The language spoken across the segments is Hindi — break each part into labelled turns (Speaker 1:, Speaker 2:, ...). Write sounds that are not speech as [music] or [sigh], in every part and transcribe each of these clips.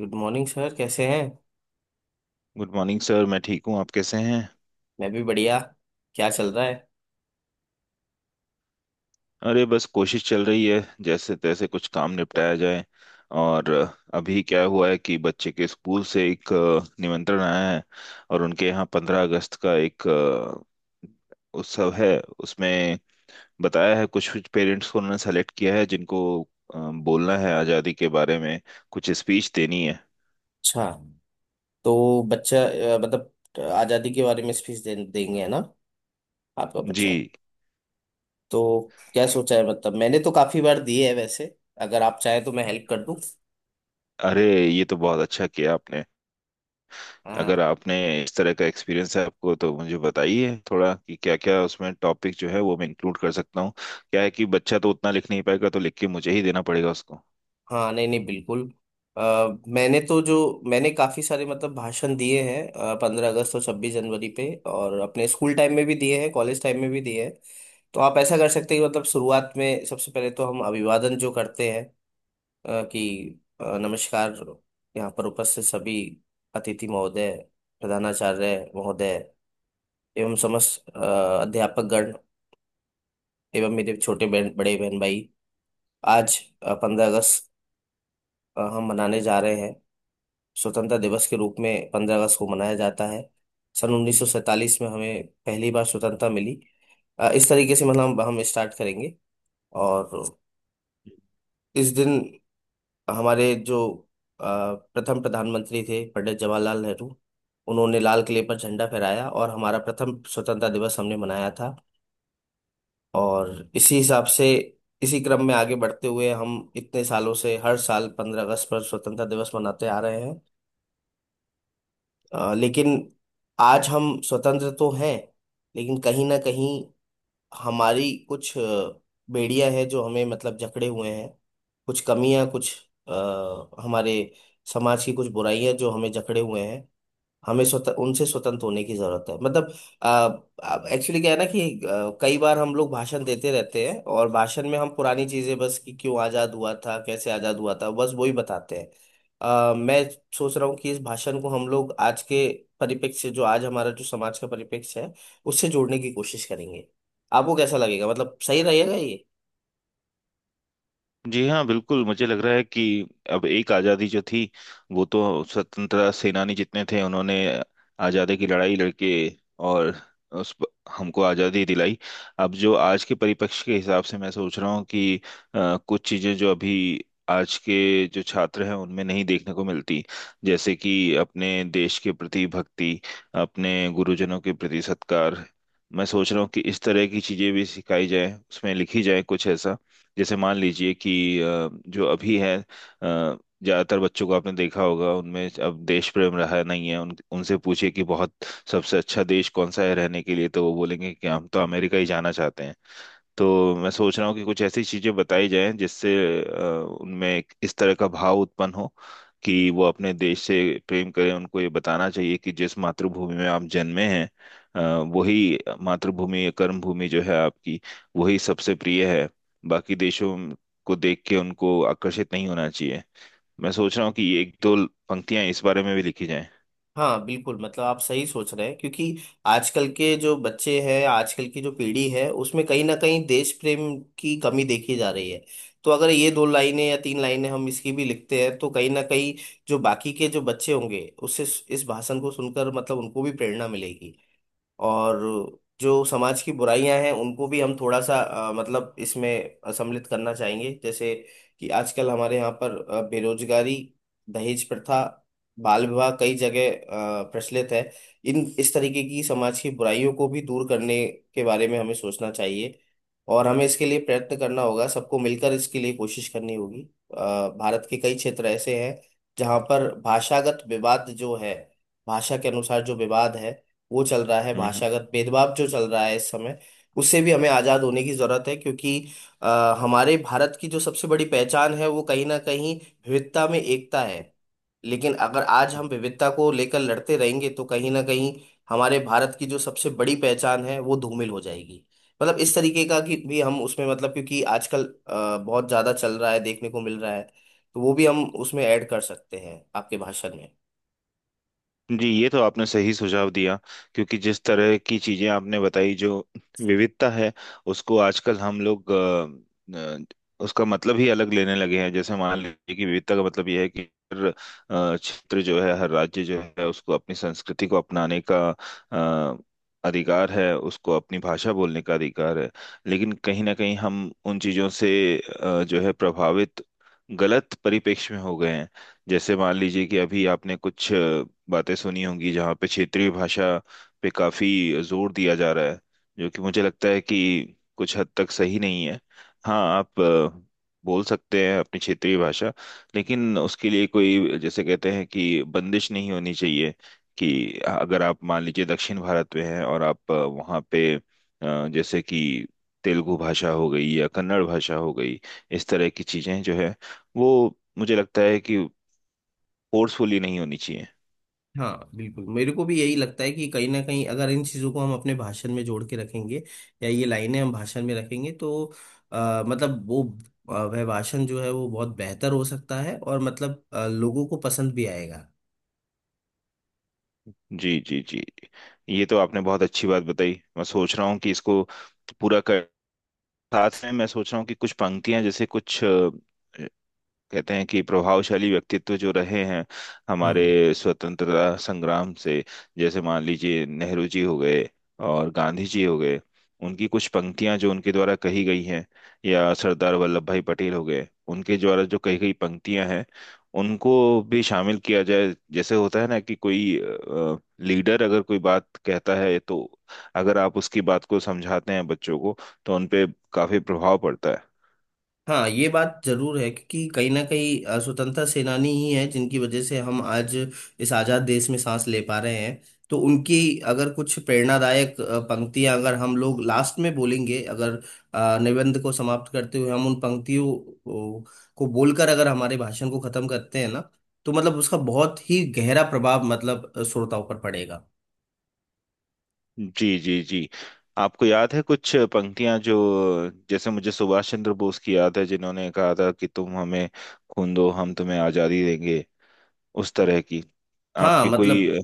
Speaker 1: गुड मॉर्निंग सर, कैसे हैं।
Speaker 2: Good morning sir. मैं ठीक हूँ। आप कैसे हैं?
Speaker 1: मैं भी बढ़िया। क्या चल रहा है।
Speaker 2: अरे बस कोशिश चल रही है, जैसे तैसे कुछ काम निपटाया जाए। और अभी क्या हुआ है कि बच्चे के स्कूल से एक निमंत्रण आया है। और उनके यहाँ 15 अगस्त का एक उत्सव है। उसमें बताया है कुछ कुछ पेरेंट्स को उन्होंने सेलेक्ट किया है जिनको अ, बोलना है आज़ादी के बारे में। कुछ स्पीच देनी है।
Speaker 1: अच्छा, तो बच्चा मतलब आज़ादी के बारे में देंगे, है ना, आपका
Speaker 2: जी।
Speaker 1: बच्चा। तो क्या सोचा है, मतलब मैंने तो काफ़ी बार दिए है वैसे। अगर आप चाहें तो मैं हेल्प कर दूं।
Speaker 2: अरे, ये तो बहुत अच्छा किया आपने।
Speaker 1: हाँ
Speaker 2: अगर आपने इस तरह का एक्सपीरियंस है आपको तो मुझे बताइए थोड़ा कि क्या क्या उसमें टॉपिक जो है वो मैं इंक्लूड कर सकता हूँ। क्या है कि बच्चा तो उतना लिख नहीं पाएगा तो लिख के मुझे ही देना पड़ेगा उसको।
Speaker 1: हाँ। नहीं नहीं, बिल्कुल। अ, मैंने तो जो मैंने काफ़ी सारे मतलब भाषण दिए हैं 15 अगस्त और 26 जनवरी पे। और अपने स्कूल टाइम में भी दिए हैं, कॉलेज टाइम में भी दिए हैं। तो आप ऐसा कर सकते हैं कि मतलब शुरुआत में सबसे पहले तो हम अभिवादन जो करते हैं, कि नमस्कार, यहाँ पर उपस्थित सभी अतिथि महोदय, प्रधानाचार्य महोदय एवं समस्त अध्यापकगण एवं मेरे छोटे बहन बड़े बहन भाई। आज पंद्रह अगस्त हम मनाने जा रहे हैं। स्वतंत्रता दिवस के रूप में 15 अगस्त को मनाया जाता है। सन 1947 में हमें पहली बार स्वतंत्रता मिली। इस तरीके से मतलब हम स्टार्ट करेंगे। और इस दिन हमारे जो अ, प्रथम प्रधानमंत्री थे पंडित जवाहरलाल नेहरू, उन्होंने लाल किले पर झंडा फहराया और हमारा प्रथम स्वतंत्रता दिवस हमने मनाया था। और इसी हिसाब से, इसी क्रम में आगे बढ़ते हुए हम इतने सालों से हर साल 15 अगस्त पर स्वतंत्रता दिवस मनाते आ रहे हैं। लेकिन आज हम स्वतंत्र तो हैं, लेकिन कहीं ना कहीं हमारी कुछ बेड़ियां हैं जो हमें मतलब जकड़े हुए हैं। कुछ कमियां, कुछ हमारे समाज की कुछ बुराइयां जो हमें जकड़े हुए हैं। हमें स्वतः उनसे स्वतंत्र होने की जरूरत है। मतलब एक्चुअली क्या है ना कि कई बार हम लोग भाषण देते रहते हैं और भाषण में हम पुरानी चीजें बस कि क्यों आजाद हुआ था, कैसे आजाद हुआ था, बस वही बताते हैं। मैं सोच रहा हूँ कि इस भाषण को हम लोग आज के परिप्रेक्ष्य से, जो आज हमारा जो समाज का परिप्रेक्ष्य है, उससे जोड़ने की कोशिश करेंगे। आपको कैसा लगेगा, मतलब सही रहेगा।
Speaker 2: जी हाँ, बिल्कुल। मुझे लग रहा है कि अब एक आज़ादी जो थी वो तो स्वतंत्रता सेनानी जितने थे उन्होंने आज़ादी की लड़ाई लड़के और उस हमको आज़ादी दिलाई। अब जो आज के परिप्रेक्ष्य के हिसाब से मैं सोच रहा हूँ कि कुछ चीज़ें जो अभी आज के जो छात्र हैं उनमें नहीं देखने को मिलती। जैसे कि अपने देश के प्रति भक्ति, अपने गुरुजनों के प्रति सत्कार। मैं सोच रहा हूँ कि इस तरह की चीज़ें भी सिखाई जाएं, उसमें लिखी जाए कुछ ऐसा। जैसे मान लीजिए कि जो अभी है ज्यादातर बच्चों को आपने देखा होगा उनमें अब देश प्रेम रहा नहीं है। उन उनसे पूछिए कि बहुत सबसे अच्छा देश कौन सा है रहने के लिए, तो वो बोलेंगे कि हम तो अमेरिका ही जाना चाहते हैं। तो मैं सोच रहा हूँ कि कुछ ऐसी चीजें बताई जाएं जिससे अ, उनमें एक इस तरह का भाव उत्पन्न हो कि वो अपने देश से प्रेम करें। उनको ये बताना चाहिए कि जिस मातृभूमि में आप जन्मे हैं अ, वही मातृभूमि कर्म भूमि जो है आपकी, वही सबसे प्रिय है। बाकी देशों को देख के उनको आकर्षित नहीं होना चाहिए। मैं सोच रहा हूँ कि ये एक दो पंक्तियां इस बारे में भी लिखी जाएं।
Speaker 1: हाँ बिल्कुल, मतलब आप सही सोच रहे हैं, क्योंकि आजकल के जो बच्चे हैं, आजकल की जो पीढ़ी है, उसमें कहीं ना कहीं देश प्रेम की कमी देखी जा रही है। तो अगर ये दो लाइनें या तीन लाइनें हम इसकी भी लिखते हैं तो कहीं ना कहीं जो बाकी के जो बच्चे होंगे, उससे इस भाषण को सुनकर मतलब उनको भी प्रेरणा मिलेगी। और जो समाज की बुराइयां हैं उनको भी हम थोड़ा सा मतलब इसमें सम्मिलित करना चाहेंगे, जैसे कि आजकल हमारे यहाँ पर बेरोजगारी, दहेज प्रथा, बाल विवाह कई जगह प्रचलित है। इन इस तरीके की समाज की बुराइयों को भी दूर करने के बारे में हमें सोचना चाहिए, और हमें इसके लिए प्रयत्न करना होगा, सबको मिलकर इसके लिए कोशिश करनी होगी। अ, भारत के कई क्षेत्र ऐसे हैं जहाँ पर भाषागत विवाद जो है, भाषा के अनुसार जो विवाद है वो चल रहा है,
Speaker 2: हम्म हम्म।
Speaker 1: भाषागत भेदभाव जो चल रहा है इस समय, उससे भी हमें आजाद होने की जरूरत है। क्योंकि हमारे भारत की जो सबसे बड़ी पहचान है वो कहीं ना कहीं विविधता में एकता है। लेकिन अगर आज हम विविधता को लेकर लड़ते रहेंगे तो कहीं ना कहीं हमारे भारत की जो सबसे बड़ी पहचान है वो धूमिल हो जाएगी। मतलब इस तरीके का कि भी हम उसमें मतलब, क्योंकि आजकल बहुत ज्यादा चल रहा है, देखने को मिल रहा है, तो वो भी हम उसमें ऐड कर सकते हैं आपके भाषण में।
Speaker 2: जी, ये तो आपने सही सुझाव दिया। क्योंकि जिस तरह की चीजें आपने बताई, जो विविधता है उसको आजकल हम लोग उसका मतलब ही अलग लेने लगे हैं। जैसे मान लीजिए कि विविधता का मतलब यह है कि हर क्षेत्र जो है हर राज्य जो है उसको अपनी संस्कृति को अपनाने का अ, अधिकार है, उसको अपनी भाषा बोलने का अधिकार है। लेकिन कहीं ना कहीं हम उन चीजों से जो है प्रभावित, गलत परिपेक्ष में हो गए हैं। जैसे मान लीजिए कि अभी आपने कुछ बातें सुनी होंगी जहाँ पे क्षेत्रीय भाषा पे काफी जोर दिया जा रहा है, जो कि मुझे लगता है कि कुछ हद तक सही नहीं है। हाँ, आप बोल सकते हैं अपनी क्षेत्रीय भाषा, लेकिन उसके लिए कोई, जैसे कहते हैं कि, बंदिश नहीं होनी चाहिए। कि अगर आप मान लीजिए दक्षिण भारत में हैं और आप वहाँ पे जैसे कि तेलुगु भाषा हो गई या कन्नड़ भाषा हो गई, इस तरह की चीजें जो है वो मुझे लगता है कि फोर्सफुली नहीं होनी चाहिए।
Speaker 1: हाँ बिल्कुल, मेरे को भी यही लगता है कि कहीं ना कहीं अगर इन चीज़ों को हम अपने भाषण में जोड़ के रखेंगे या ये लाइनें हम भाषण में रखेंगे तो मतलब वो वह भाषण जो है वो बहुत बेहतर हो सकता है और मतलब लोगों को पसंद भी आएगा।
Speaker 2: जी जी जी। जी, ये तो आपने बहुत अच्छी बात बताई। मैं सोच रहा हूँ कि इसको पूरा कर साथ में मैं सोच रहा हूँ कि कुछ पंक्तियां, जैसे कुछ कहते हैं कि प्रभावशाली व्यक्तित्व जो रहे हैं
Speaker 1: हम्म।
Speaker 2: हमारे स्वतंत्रता संग्राम से। जैसे मान लीजिए नेहरू जी हो गए और गांधी जी हो गए, उनकी कुछ पंक्तियां जो उनके द्वारा कही गई हैं, या सरदार वल्लभ भाई पटेल हो गए, उनके द्वारा जो कही गई पंक्तियां हैं, उनको भी शामिल किया जाए। जैसे होता है ना कि कोई लीडर अगर कोई बात कहता है तो अगर आप उसकी बात को समझाते हैं बच्चों को, तो उनपे काफी प्रभाव पड़ता है।
Speaker 1: हाँ ये बात जरूर है, क्योंकि कहीं ना कहीं स्वतंत्रता सेनानी ही है जिनकी वजह से हम आज इस आजाद देश में सांस ले पा रहे हैं। तो उनकी अगर कुछ प्रेरणादायक पंक्तियां अगर हम लोग लास्ट में बोलेंगे, अगर निबंध को समाप्त करते हुए हम उन पंक्तियों ओ, को बोलकर अगर हमारे भाषण को खत्म करते हैं ना, तो मतलब उसका बहुत ही गहरा प्रभाव मतलब श्रोताओं पर पड़ेगा।
Speaker 2: जी जी जी। आपको याद है कुछ पंक्तियां जो, जैसे मुझे सुभाष चंद्र बोस की याद है, जिन्होंने कहा था कि तुम हमें खून दो हम तुम्हें आजादी देंगे। उस तरह की
Speaker 1: हाँ
Speaker 2: आपकी
Speaker 1: मतलब
Speaker 2: कोई?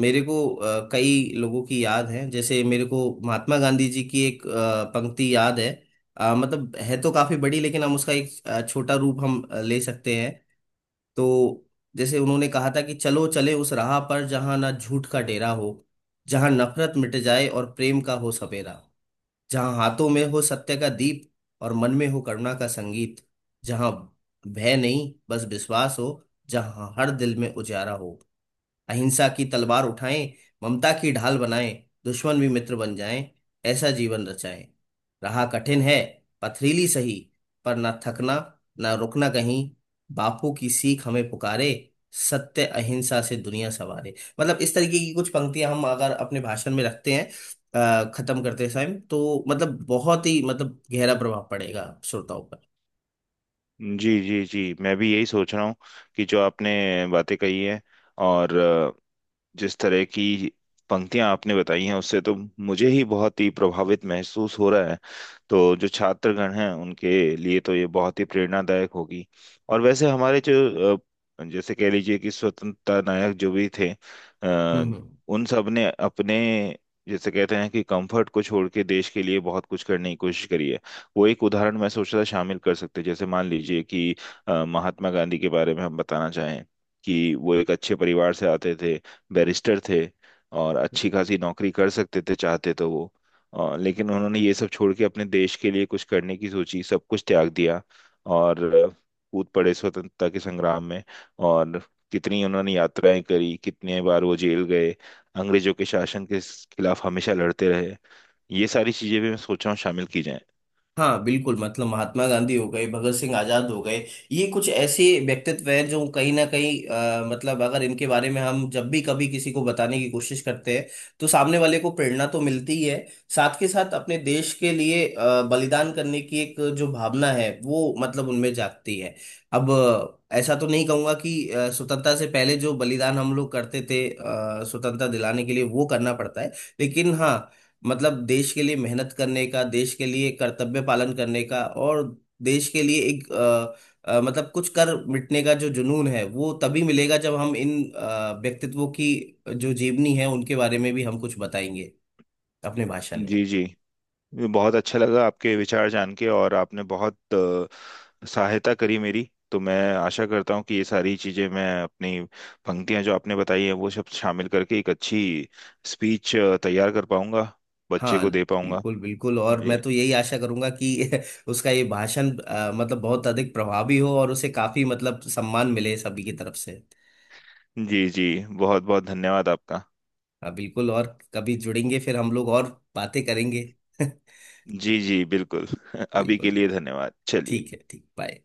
Speaker 1: मेरे को कई लोगों की याद है, जैसे मेरे को महात्मा गांधी जी की एक पंक्ति याद है। मतलब है तो काफी बड़ी, लेकिन हम उसका एक छोटा रूप हम ले सकते हैं। तो जैसे उन्होंने कहा था कि चलो चले उस राह पर जहां ना झूठ का डेरा हो, जहां नफरत मिट जाए और प्रेम का हो सवेरा, जहां हाथों में हो सत्य का दीप और मन में हो करुणा का संगीत, जहां भय नहीं बस विश्वास हो, जहां हर दिल में उजाला हो, अहिंसा की तलवार उठाएं, ममता की ढाल बनाएं, दुश्मन भी मित्र बन जाएं, ऐसा जीवन रचाएं, राह कठिन है पथरीली सही, पर ना थकना, ना रुकना कहीं, बापू की सीख हमें पुकारे, सत्य अहिंसा से दुनिया संवारे। मतलब इस तरीके की कुछ पंक्तियां हम अगर अपने भाषण में रखते हैं खत्म करते समय, तो मतलब बहुत ही मतलब गहरा प्रभाव पड़ेगा श्रोताओं पर।
Speaker 2: जी जी जी। मैं भी यही सोच रहा हूँ कि जो आपने बातें कही हैं और जिस तरह की पंक्तियां आपने बताई हैं, उससे तो मुझे ही बहुत ही प्रभावित महसूस हो रहा है। तो जो छात्रगण हैं उनके लिए तो ये बहुत ही प्रेरणादायक होगी। और वैसे हमारे जो जैसे कह लीजिए कि स्वतंत्रता नायक जो भी थे अ,
Speaker 1: हम्म।
Speaker 2: उन सब ने अपने, जैसे कहते हैं कि, कंफर्ट को छोड़ के देश के लिए बहुत कुछ करने की कोशिश करी है। वो एक उदाहरण मैं सोच रहा था शामिल कर सकते हैं। जैसे मान लीजिए कि महात्मा गांधी के बारे में हम बताना चाहें कि वो एक अच्छे परिवार से आते थे, बैरिस्टर थे और अच्छी खासी नौकरी कर सकते थे चाहते तो वो, लेकिन उन्होंने ये सब छोड़ के अपने देश के लिए कुछ करने की सोची, सब कुछ त्याग दिया। और कूद पड़े स्वतंत्रता के संग्राम में। और कितनी उन्होंने यात्राएं करी, कितने बार वो जेल गए, अंग्रेजों के शासन के खिलाफ हमेशा लड़ते रहे। ये सारी चीजें भी मैं सोच रहा हूँ शामिल की जाएं।
Speaker 1: हाँ बिल्कुल, मतलब महात्मा गांधी हो गए, भगत सिंह आजाद हो गए, ये कुछ ऐसे व्यक्तित्व हैं जो कहीं ना कहीं मतलब अगर इनके बारे में हम जब भी कभी किसी को बताने की कोशिश करते हैं तो सामने वाले को प्रेरणा तो मिलती ही है। साथ के साथ अपने देश के लिए बलिदान करने की एक जो भावना है वो मतलब उनमें जागती है। अब ऐसा तो नहीं कहूंगा कि स्वतंत्रता से पहले जो बलिदान हम लोग करते थे स्वतंत्रता दिलाने के लिए वो करना पड़ता है। लेकिन हाँ, मतलब देश के लिए मेहनत करने का, देश के लिए कर्तव्य पालन करने का, और देश के लिए एक मतलब कुछ कर मिटने का जो जुनून है वो तभी मिलेगा जब हम इन व्यक्तित्वों की जो जीवनी है उनके बारे में भी हम कुछ बताएंगे अपने भाषण में।
Speaker 2: जी जी। ये बहुत अच्छा लगा आपके विचार जान के। और आपने बहुत सहायता करी मेरी, तो मैं आशा करता हूँ कि ये सारी चीज़ें, मैं अपनी पंक्तियाँ जो आपने बताई हैं वो सब शामिल करके एक अच्छी स्पीच तैयार कर पाऊंगा, बच्चे
Speaker 1: हाँ
Speaker 2: को दे पाऊंगा।
Speaker 1: बिल्कुल बिल्कुल, और मैं
Speaker 2: जी
Speaker 1: तो यही आशा करूंगा कि [laughs] उसका ये भाषण मतलब बहुत अधिक प्रभावी हो और उसे काफी मतलब सम्मान मिले सभी की तरफ से।
Speaker 2: जी जी। बहुत बहुत धन्यवाद आपका।
Speaker 1: हाँ बिल्कुल, और कभी जुड़ेंगे फिर हम लोग और बातें करेंगे। [laughs]
Speaker 2: जी जी, बिल्कुल। [laughs] अभी के
Speaker 1: बिल्कुल।
Speaker 2: लिए धन्यवाद। चलिए।
Speaker 1: ठीक है, ठीक, बाय।